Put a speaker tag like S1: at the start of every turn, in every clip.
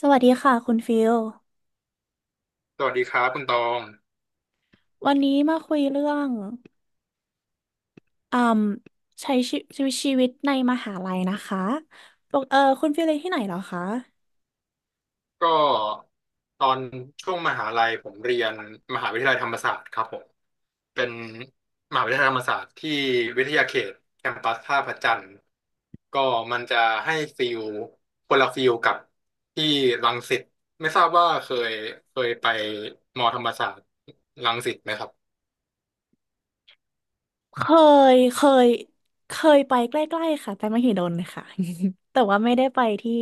S1: สวัสดีค่ะคุณฟิล
S2: สวัสดีครับคุณตอง
S1: วันนี้มาคุยเรื่องอืมใช้ชีวิตในมหาลัยนะคะปกเออคุณฟิลเรียนที่ไหนเหรอคะ
S2: ก็ตอนช่วงมหาลัยผมเรียนมหาวิทยาลัยธรรมศาสตร์ครับผมเป็นมหาวิทยาลัยธรรมศาสตร์ที่วิทยาเขตแคมปัสท่าพระจันทร์ก็มันจะให้ฟิลคนละฟิลกับที่รังสิตไม่ทราบว่าเคยไปมอธรรมศาสตร์รังสิตไหมครับ
S1: เคยเคยเคยไปใกล้ๆค่ะไปมหิดลค่ะ แต่ว่าไม่ได้ไปที่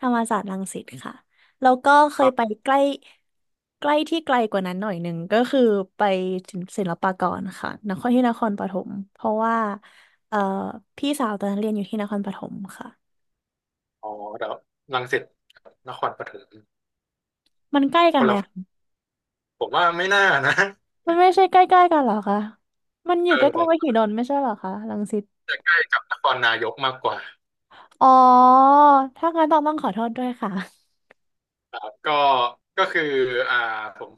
S1: ธรรมศาสตร์รังสิตค่ะ แล้วก็เค
S2: ค
S1: ย
S2: รั
S1: ไป
S2: บ
S1: ใกล้ใกล้ที่ไกลกว่านั้นหน่อยหนึ่งก็คือไปศิลปากรค่ะนครที่นครปฐมเพราะว่าเอ่อพี่สาวตอนนั้นเรียนอยู่ที่นครปฐมค่ะ
S2: อ๋อเดี๋ยวรังสิตนครปฐม
S1: มันใกล้
S2: ค
S1: กันไห
S2: น
S1: ม
S2: ละผมว่าไม่น่านะ
S1: มันไม่ใช่ใกล้ๆกันเหรอคะ มันอ
S2: เอ
S1: ยู่
S2: อ
S1: ใก
S2: ผ
S1: ล้ๆมหิ
S2: ม
S1: ดลไม่ใช่เหรอคะรังสิต
S2: จะใกล้กับนครนายกมากกว่า
S1: อ๋อถ้างั้นต้องขอโทษด้วยค่ะ
S2: ก็ก็คืออ่าผม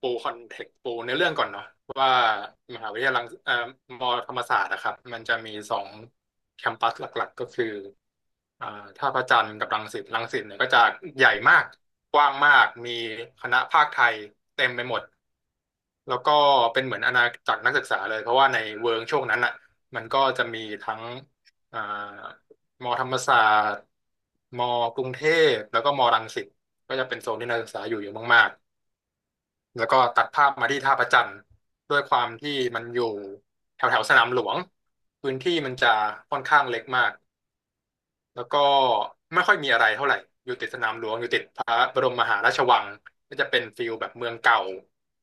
S2: ปูคอนเทกต์ปูในเรื่องก่อนเนาะว่ามหาวิทยาลัยมอธรรมศาสตร์นะครับมันจะมีสองแคมปัสหลักๆก็คืออ่าท่าพระจันทร์กับรังสิตรังสิตเนี่ยก็จะใหญ่มากกว้างมากมีคณะภาคไทยเต็มไปหมด แล้วก็เป็นเหมือนอาณาจักรนักศึกษาเลยเพราะว่าในเวิร์กช่วงนั้นอ่ะมันก็จะมีทั้งอ่ามอธรรมศาสตร์มอกรุงเทพแล้วก็มอรังสิตก็จะเป็นโซนที่นักศึกษาอยู่เยอะมากๆแล้วก็ตัดภาพมาที่ท่าพระจันทร์ด้วยความที่มันอยู่แถวแถวสนามหลวงพื้นที่มันจะค่อนข้างเล็กมาก แล้วก็ไม่ค่อยมีอะไรเท่าไหร่ อยู่ติดสนามหลวง อยู่ติดพระบรมมหาราชวังก็จะเป็นฟิลแบบเมืองเก่า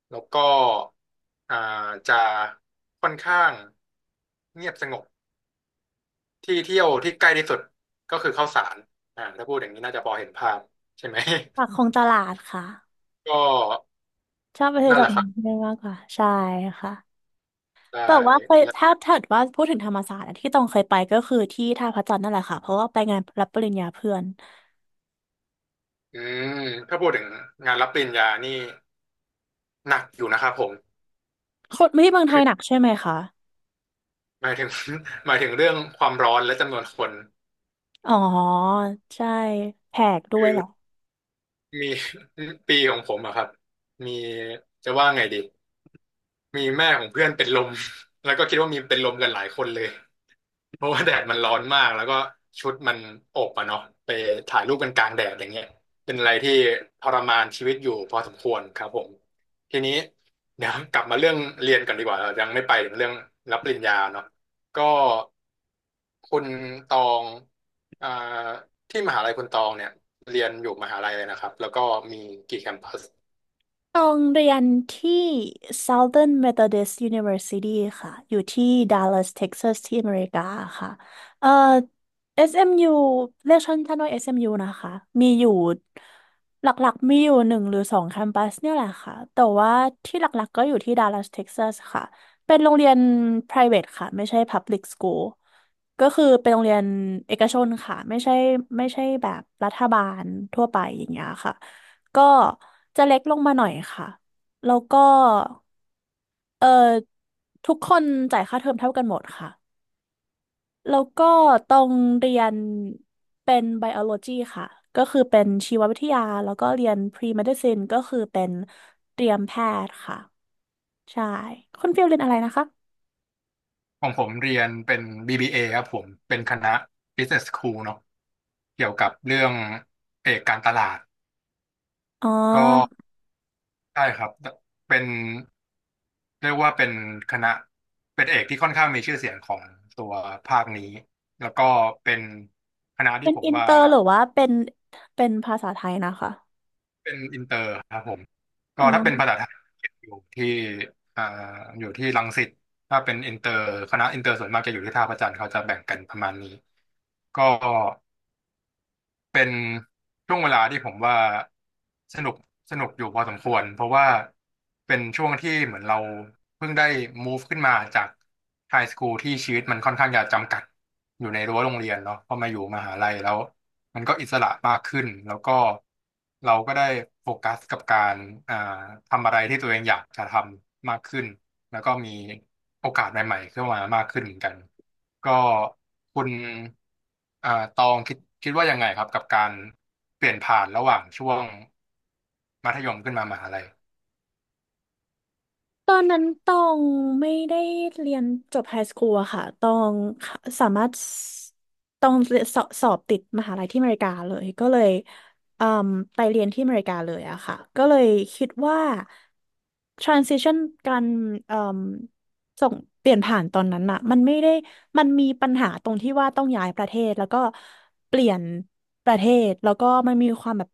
S2: แล้วก็อ่าจะค่อนข้างเงียบสงบที่เที่ยวที่ใกล้ที่สุดก็คือเข้าสารถ้าพูดอย่างนี้น่าจะพอเห็นภาพใช่ไหม
S1: ปากคลองตลาดค่ะ
S2: ก็
S1: ชอบไปซื้อ
S2: นั่น
S1: ด
S2: แห
S1: อก
S2: ละครับ
S1: ไม้มากกว่าใช่ค่ะ
S2: ได้
S1: แต่ว่าเคย
S2: และ
S1: ถ้าว่าพูดถึงธรรมศาสตร์อะที่ต้องเคยไปก็คือที่ท่าพระจันทร์นั่นแหละค่ะเพราะว่าไปงานรับปริญญาเพื่อน
S2: อืมถ้าพูดถึงงานรับปริญญานี่หนักอยู่นะครับผม
S1: คนไม่ที่เมืองไท
S2: คื
S1: ย
S2: อ
S1: หนักใช่ไหมคะ
S2: หมายถึง หมายถึงเรื่องความร้อนและจำนวนคน
S1: อ๋อใช่แพกด้
S2: คื
S1: วย
S2: อ
S1: แหละ
S2: มี ปีของผมอะครับมีจะว่าไงดีมีแม่ของเพื่อนเป็นลม แล้วก็คิดว่ามีเป็นลมกันหลายคนเลย เพราะว่าแดดมันร้อนมากแล้วก็ชุดมันอบอะเนาะไปถ่ายรูปกันกลางแดดอย่างเงี้ยเป็นอะไรที่ทรมานชีวิตอยู่พอสมควรครับผมทีนี้เดี๋ยวกลับมาเรื่องเรียนกันดีกว่าเรายังไม่ไปถึงเรื่องรับปริญญาเนาะก็คุณตองอ่าที่มหาลัยคุณตองเนี่ยเรียนอยู่มหาลัยเลยนะครับแล้วก็มีกี่แคมปัส
S1: ตองเรียนที่ Southern Methodist University ค่ะ อยู่ที่ Dallas Texas ที่อเมริกาค่ะเอ่อ SMU เอ็มยูเรียกสั้นๆว่า SMU นะคะ มีอยู่หลักๆมีอยู่หนึ่งหรือสองแคมปัสเนี่ยแหละค่ะ แต่ว่าที่หลักๆก็อยู่ที่ Dallas Texas ค่ะ เป็นโรงเรียน private ค่ะ ไม่ใช่ public school ก็คือเป็นโรงเรียนเอกชนค่ะ ไม่ใช่แบบรัฐบาลทั่วไปอย่างเงี้ยค่ะ ก็จะเล็กลงมาหน่อยค่ะ แล้วก็เอ่อทุกคนจ่ายค่าเทอมเท่ากันหมดค่ะ แล้วก็ตรงเรียนเป็นไบโอโลจีค่ะ ก็คือเป็นชีววิทยา แล้วก็เรียนพรีเมดิซินก็คือเป็นเตรียมแพทย์ค่ะ ใช่ คุณฟิลเรียนอะไรนะคะ
S2: ของผมเรียนเป็น BBA ครับผมเป็นคณะ Business School เนาะเกี่ยวกับเรื่องเอกการตลาด
S1: อ๋อ
S2: ก็ใช่ครับเป็นเรียกว่าเป็นคณะเป็นเอกที่ค่อนข้างมีชื่อเสียงของตัวภาคนี้แล้วก็เป็นคณะ
S1: เป็
S2: ที่
S1: น
S2: ผม
S1: อิน
S2: ว่า
S1: เตอร์หรือว่าเป็นภาษาไทยนะคะ
S2: เป็นอินเตอร์ครับผมก็
S1: อ๋อ
S2: ถ้าเป็นภาษาไทยอยู่ที่อ่าอยู่ที่รังสิตถ้าเป็นอินเตอร์คณะอินเตอร์ส่วนมากจะอยู่ที่ท่าพระจันทร์เขาจะแบ่งกันประมาณนี้ก็ เป็นช่วงเวลาที่ผมว่าสนุกสนุกอยู่พอสมควรเพราะว่าเป็นช่วงที่เหมือนเราเพิ่งได้ move ขึ้นมาจากไฮสคูลที่ชีวิตมันค่อนข้างจะจำกัดอยู่ในรั้วโรงเรียนเนาะพอมาอยู่มหาลัยแล้วมันก็อิสระมากขึ้นแล้วก็เราก็ได้โฟกัสกับการอ่าทำอะไรที่ตัวเองอยากจะทำมากขึ้นแล้วก็มีโอกาสใหม่ๆเข้ามามากขึ้นเหมือนกันก็คุณ ตองคิดว่ายังไงครับกับการเปลี่ยนผ่านระหว่างช่วงมัธยมขึ้นมามหาลัย
S1: ตอนนั้นตองไม่ได้เรียนจบไฮสคูลอะค่ะตองสามารถตองสอบติดมหาลัยที่อเมริกาเลย ก็เลยอืมไปเรียนที่อเมริกาเลยอะค่ะ ก็เลยคิดว่า transition การอืมส่งเปลี่ยนผ่านตอนนั้นอะมันไม่ได้มันมีปัญหาตรงที่ว่าต้องย้ายประเทศแล้วก็เปลี่ยนประเทศแล้วก็มันมีความแบบ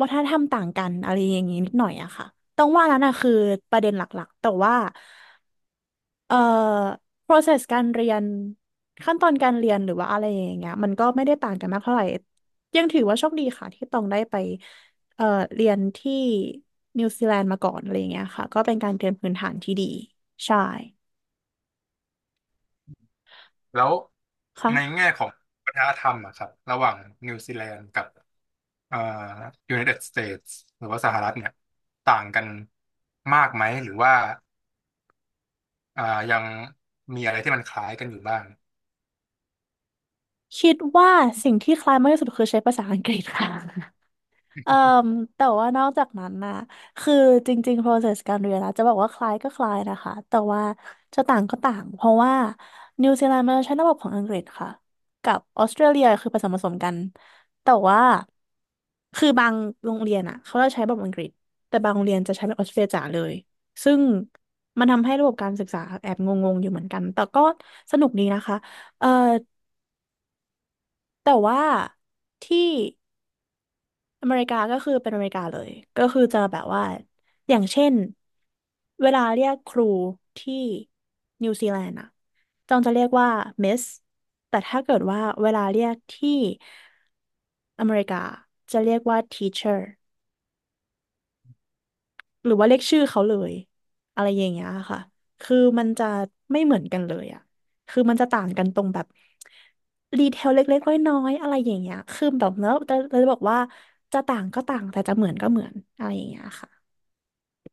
S1: วัฒนธรรมต่างกันอะไรอย่างงี้นิดหน่อยอะค่ะ ต้องว่านั้นนะคือประเด็นหลักๆ แต่ว่าเอ่อ process การเรียนขั้นตอนการเรียนหรือว่าอะไรอย่างเงี้ยมันก็ไม่ได้ต่างกันมากเท่าไหร่ยังถือว่าโชคดีค่ะที่ต้องได้ไปเอ่อเรียนที่นิวซีแลนด์มาก่อนอะไรอย่างเงี้ยค่ะก็เป็นการเตรียมพื้นฐานที่ดีใช่
S2: แล้วใน
S1: ค่ะ
S2: แง่ของวัฒนธรรมอะครับระหว่างนิวซีแลนด์กับอ่า United States หรือว่าสหรัฐเนี่ยต่างกันมากไหมหรือว่าอ่ายังมีอะไรที่มันคล้ายกันอยู่บ้าง
S1: คิดว่าสิ่งที่คล้ายมากที่สุดคือใช้ภาษาอังกฤษค่ะ เอ่อแต่ว่านอกจากนั้นนะคือจริงๆ process การเรียนนะจะบอกว่าคล้ายก็คล้ายนะคะแต่ว่าจะต่างก็ต่างเพราะว่านิวซีแลนด์มันใช้ระบบของอังกฤษค่ะกับออสเตรเลียคือผสมกันแต่ว่าคือบางโรงเรียนอ่ะเขาจะใช้แบบอังกฤษแต่บางโรงเรียนจะใช้แบบออสเตรเลียจ๋าเลยซึ่งมันทำให้ระบบการศึกษาแอบงงๆอยู่เหมือนกันแต่ก็สนุกดีนะคะเอ่อแต่ว่าที่ อเมริกาก็คือเป็นอเมริกาเลย ก็คือจะแบบว่า อย่างเช่น เวลาเรียกครูที่นิวซีแลนด์อะจองจะเรียกว่ามิสแต่ถ้าเกิดว่าเวลาเรียกที่อเมริกาจะเรียกว่า teacher หรือว่าเรียกชื่อเขาเลยอะไรอย่างเงี้ยค่ะคือมันจะไม่เหมือนกันเลยอะคือมันจะต่างกันตรงแบบดีเทลเล็กๆน้อยๆอะไรอย่างเงี้ยคือแบบแล้วเราจะบอกว่าจะต่างก็ต่างแต่จะเหมือนก็เหมือนอะไรอย่างเงี้ยค่ะ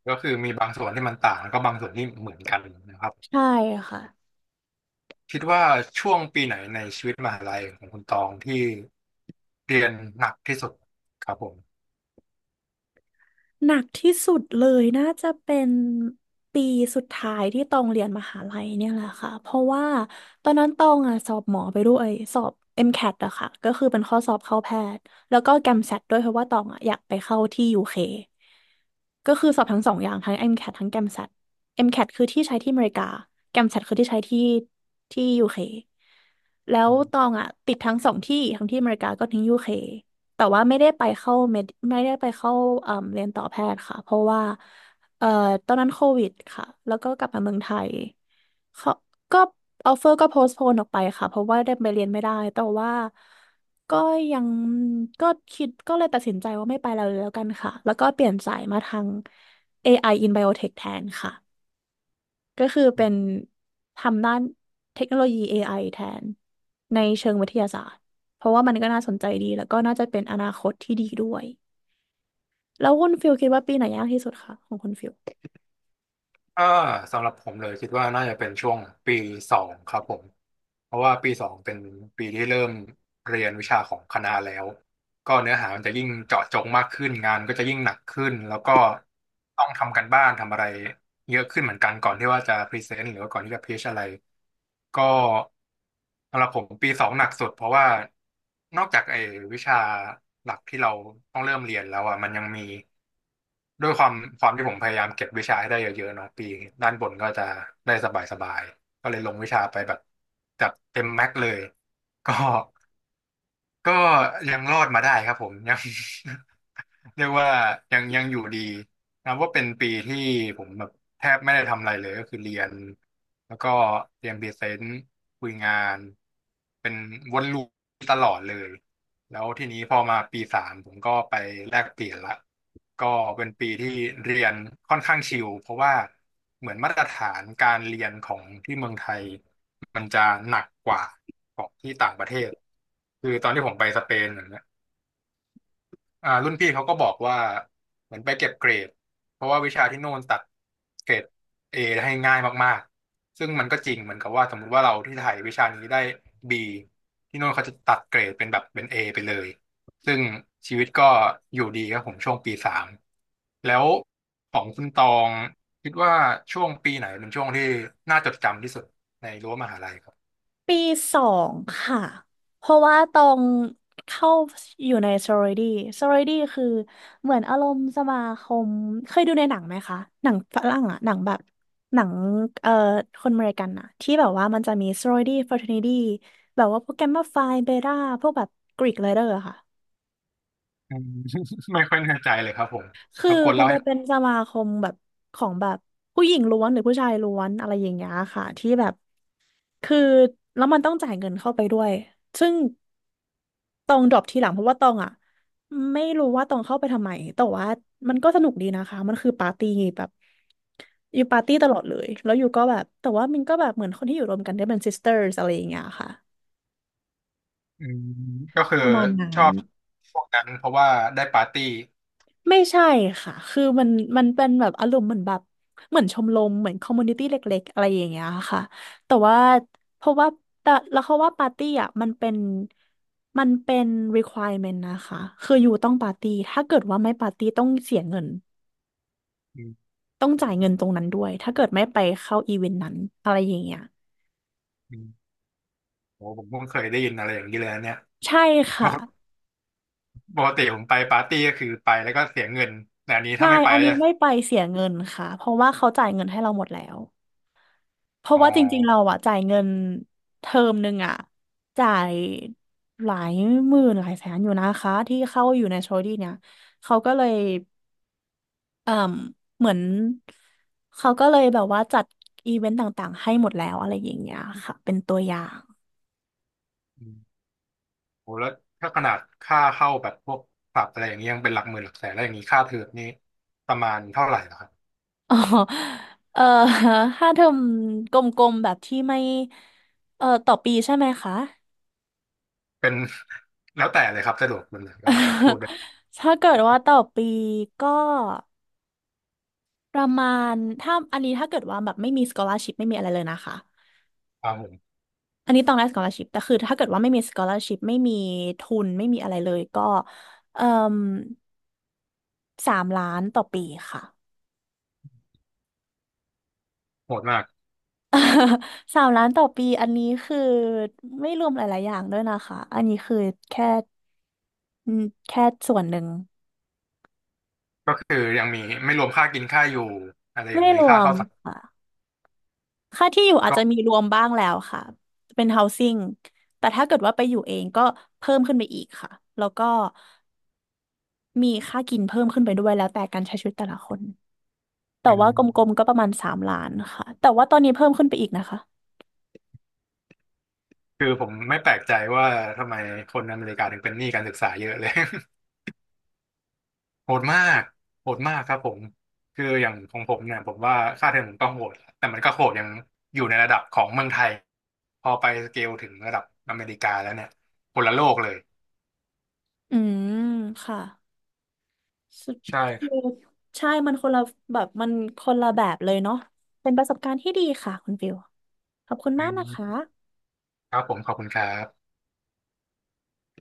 S2: ก็คือมีบางส่วนที่มันต่างแล้วก็บางส่วนที่เหมือนกันนะครับ
S1: ใช่ค่ะ
S2: คิดว่าช่วงปีไหนในชีวิตมหาลัยของคุณตองที่เรียนหนักที่สุดครับผม
S1: หนักที่สุดเลยน่าจะเป็นปีสุดท้ายที่ตองเรียนมหาลัยเนี่ยแหละค่ะเพราะว่าตอนนั้นตองอ่ะสอบหมอไปด้วยสอบ MCAT อมแคทอะค่ะก็คือเป็นข้อสอบเข้าแพทย์แล้วก็แกมแซ t ด้วยเพราะว่าตองอ่ะอยากไปเข้าที่ UK ก็คือสอบทั้งสองอย่างทั้ง MCAT ททั้ง GAMSAT MCAT คทคือที่ใช้ที่อเมริกา g กมแซ t คือที่ใช้ที่ที่ UK แล้วตองอ่ะติดทั้งสองที่ทั้งที่อเมริกาก็ทั้ง UK แต่ว่าไม่ได้ไปเข้าเมดไม่ได้ไปเข้าเอ่มเรียนต่อแพทย์ค่ะเพราะว่าเอ่อตอนนั้นโควิดค่ะแล้วก็กลับมาเมืองไทยเขาก็ออฟเฟอร์ก็โพสต์โพนออกไปค่ะเพราะว่าได้ไปเรียนไม่ได้แต่ว่าก็ยังก็คิดก็เลยตัดสินใจว่าไม่ไปแล้วแล้วกันค่ะแล้วก็เปลี่ยนสายมาทาง AI in Biotech แทนค่ะ ก็คือเป็นทำด้านเทคโนโลยี AI แทนในเชิงวิทยาศาสตร์ เพราะว่ามันก็น่าสนใจดีแล้วก็น่าจะเป็นอนาคตที่ดีด้วย แล้วคุณฟิลคิดว่าปีไหนยากที่สุดคะของคุณฟิล
S2: กาสำหรับผมเลยคิดว่าน่าจะเป็นช่วงปีสองครับผมเพราะว่าปีสองเป็นปีที่เริ่มเรียนวิชาของคณะแล้วก็เนื้อหามันจะยิ่งเจาะจงมากขึ้นงานก็จะยิ่งหนักขึ้นแล้วก็ต้องทำกันบ้านทำอะไรเยอะขึ้นเหมือนกันก่อนที่ว่าจะพรีเซนต์หรือว่าก่อนที่จะพิชอะไรก็สำหรับผมปีสองหนักสุดเพราะว่านอกจากไอ้วิชาหลักที่เราต้องเริ่มเรียนแล้วอ่ะมันยังมี ด้วยความที่ผมพยายามเก็บวิชาให้ได้เยอะๆเนาะปีด้านบนก็จะได้สบายๆก็เลยลงวิชาไปแบบจัดเต็มแม็กเลยก็ ก็ยังรอดมาได้ครับผม ยัง เรียกว่ายังอยู่ดีนะว่าเป็นปีที่ผมแบบแทบไม่ได้ทำอะไรเลยก็คือเรียนแล้วก็เรียนพรีเซนต์คุยงานเป็นวนลูปตลอดเลยแล้วทีนี้พอมาปีสามผมก็ไปแลกเปลี่ยนละก็เป็นปีที่เรียนค่อนข้างชิลเพราะว่าเหมือนมาตรฐานการเรียนของที่เมืองไทย มันจะหนักกว่าของที่ต่างประเทศ คือตอนที่ผมไปสเปนอย่างเงี้ยรุ่นพี่เขาก็บอกว่าเหมือนไปเก็บเกรดเพราะว่าวิชาที่โน่นตัดเกรดเอให้ง่ายมากๆ ซึ่งมันก็จริงเหมือนกับว่าสมมุติว่าเราที่ไทยวิชานี้ได้บีที่โน่นเขาจะตัดเกรดเป็นแบบเป็นเอไปเลย ซึ่งชีวิตก็อยู่ดีครับผมช่วงปีสามแล้วของคุณตองคิดว่าช่วงปีไหนเป็นช่วงที่น่าจดจำที่สุดในรั้วมหาลัยครับ
S1: ปีสองค่ะเพราะว่าตองเข้าอยู่ในซอโร r ดี้ซอโร r ดี้คือเหมือนอารมณ์สมาคมเคยดูในหนังไหมคะหนังฝรั่งอะหนังแบบหนังเอ่อคนอเมริกันอะที่แบบว่ามันจะมีซอโร r ดี้ฟรา t e r n i t แบบว่าพวกแกมมาไพเบต้าพวกแบบกรีกไรเดอร์ค่ะ
S2: อืม ไม่ค่อยแน่ใจเลยครับผม
S1: คือ
S2: รบกวน
S1: มั
S2: เล่า
S1: นจะ
S2: ให้
S1: เป็นสมาคมแบบของแบบผู้หญิงล้วนหรือผู้ชายล้วนอะไรอย่างเงี้ยค่ะที่แบบ คือแล้วมันต้องจ่ายเงินเข้าไปด้วย ซึ่งตองดรอปทีหลังเพราะว่าตองอ่ะไม่รู้ว่าตองเข้าไปทำไม แต่ว่ามันก็สนุกดีนะคะ มันคือปาร์ตี้แบบอยู่ปาร์ตี้ตลอดเลยแล้วอยู่ก็แบบแต่ว่ามันก็แบบเหมือนคนที่อยู่รวมกันได้เป็น sisters อะไรอย่างเงี้ยค่ะ
S2: อืมก็คือ
S1: ประมาณ
S2: ช
S1: นั้
S2: อ
S1: น
S2: บพวกนั้นเพราะว่าได้ปาร์ตี้
S1: ไม่ใช่ค่ะ คือมันเป็นแบบอารมณ์เหมือนแบบเหมือนชมรมเหมือนคอมมูนิตี้เล็กๆอะไรอย่างเงี้ยค่ะแต่ว่าเพราะว่าแต่แล้วเขาว่าปาร์ตี้อ่ะมันเป็น requirement นะคะคืออยู่ต้องปาร์ตี้ถ้าเกิดว่าไม่ปาร์ตี้ต้องเสียเงิน
S2: อืม
S1: ต้องจ่ายเงินตรงนั้นด้วย ถ้าเกิดไม่ไปเข้าอีเวนต์นั้นอะไรอย่างเงี้ย
S2: อืมโหผมเพิ่งเคยได้ยินอะไรอย่างนี้เลยนะเนี่ย
S1: ใช่
S2: ป
S1: ค่ะ
S2: กติปกติผมไปปาร์ตี้ก็คือไปแล้วก็เสียเงินแต่อันนี้
S1: ใช่
S2: ถ้าไม่ไป
S1: อัน
S2: ก็
S1: นี้
S2: จะ
S1: ไม่ไปเสียเงินค่ะเพราะว่าเขาจ่ายเงินให้เราหมดแล้ว เพราะ
S2: อ๋
S1: ว่าจริงๆเรา
S2: อ
S1: อะจ่ายเงินเทอมหนึ่งอะจ่ายหลายหมื่นหลายแสนอยู่นะคะที่เข้าอยู่ในโชดี้เนี่ยเขาก็เลยเอ่มเหมือนเขาก็เลยแบบว่าจัดอีเวนต์ต่างๆให้หมดแล้วอะไรอย่างเงี้ยค่ะเป็นตัวอย่าง
S2: อืมโหแล้วถ้าขนาดค่าเข้าแบบพวกผับอะไรอย่างนี้ยังเป็นหลักหมื่นหลักแสนแล้วอย่างนี้ค่าเทอมนี่ประมาณเท่าไหร่เหรอครับ
S1: อ๋อเออถ้าเทอมกลมๆแบบที่ไม่เออต่อปีใช่ไหมคะ
S2: เป็น แล้วแต่เลยครับสะดวกแบบไหนก็พูด ได้
S1: ถ้าเกิดว่าต่อปีก็ ประมาณถ้าอันนี้ถ้าเกิดว่าแบบไม่มี scholarship ไม่มีอะไรเลยนะคะ
S2: ครับผม
S1: อันนี้ต้องได้ scholarship แต่คือถ้าเกิดว่าไม่มี scholarship ไม่มีทุนไม่มีอะไรเลยก็เอ่มสามล้านต่อปีค่ะ
S2: โหดมาก
S1: สามล้านต่อปีอันนี้คือไม่รวมหลายๆอย่างด้วยนะคะอันนี้คือแค่อืมแค่ส่วนหนึ่ง
S2: ก็คือยังมีไม่รวมค่ากินค่าอยู่อะไรอย่า
S1: ไม่
S2: งนี้
S1: รว
S2: ค่า
S1: ม
S2: ข้าวสงคม
S1: ค่ะค่าที่อยู่อาจ
S2: ก็
S1: จะมีรวมบ้างแล้วค่ะเป็น housing แต่ถ้าเกิดว่าไปอยู่เองก็เพิ่มขึ้นไปอีกค่ะแล้วก็ มีค่ากินเพิ่มขึ้นไปด้วยแล้วแต่การใช้ชีวิตแต่ละคนแต่
S2: อื
S1: ว่า
S2: ม
S1: กลมๆก็ประมาณสามล้านค่ะแต่ว่าตอนนี้เพิ่มขึ้นไปอีกนะคะ
S2: คือผมไม่แปลกใจว่าทำไมคนอเมริกาถึงเป็นหนี้การศึกษาเยอะเลย โหดมากโหดมากครับผมคืออย่างของผมเนี่ยผมว่าค่าเทอมผมก็โหดแต่มันก็โหดยังอยู่ในระดับของเมืองไทยพอไปสเกลถึงระดับอเมริกาแล้วเนี่ยคนละโลกเลย
S1: อืมค่ะสุด
S2: ใช่ค
S1: คือ
S2: รับ
S1: ใช่มันคนละแบบเลยเนาะเป็นประสบการณ์ที่ดีค่ะคุณฟิวขอบคุณ
S2: อื
S1: มากนะคะ
S2: มครับผมขอบคุณครับ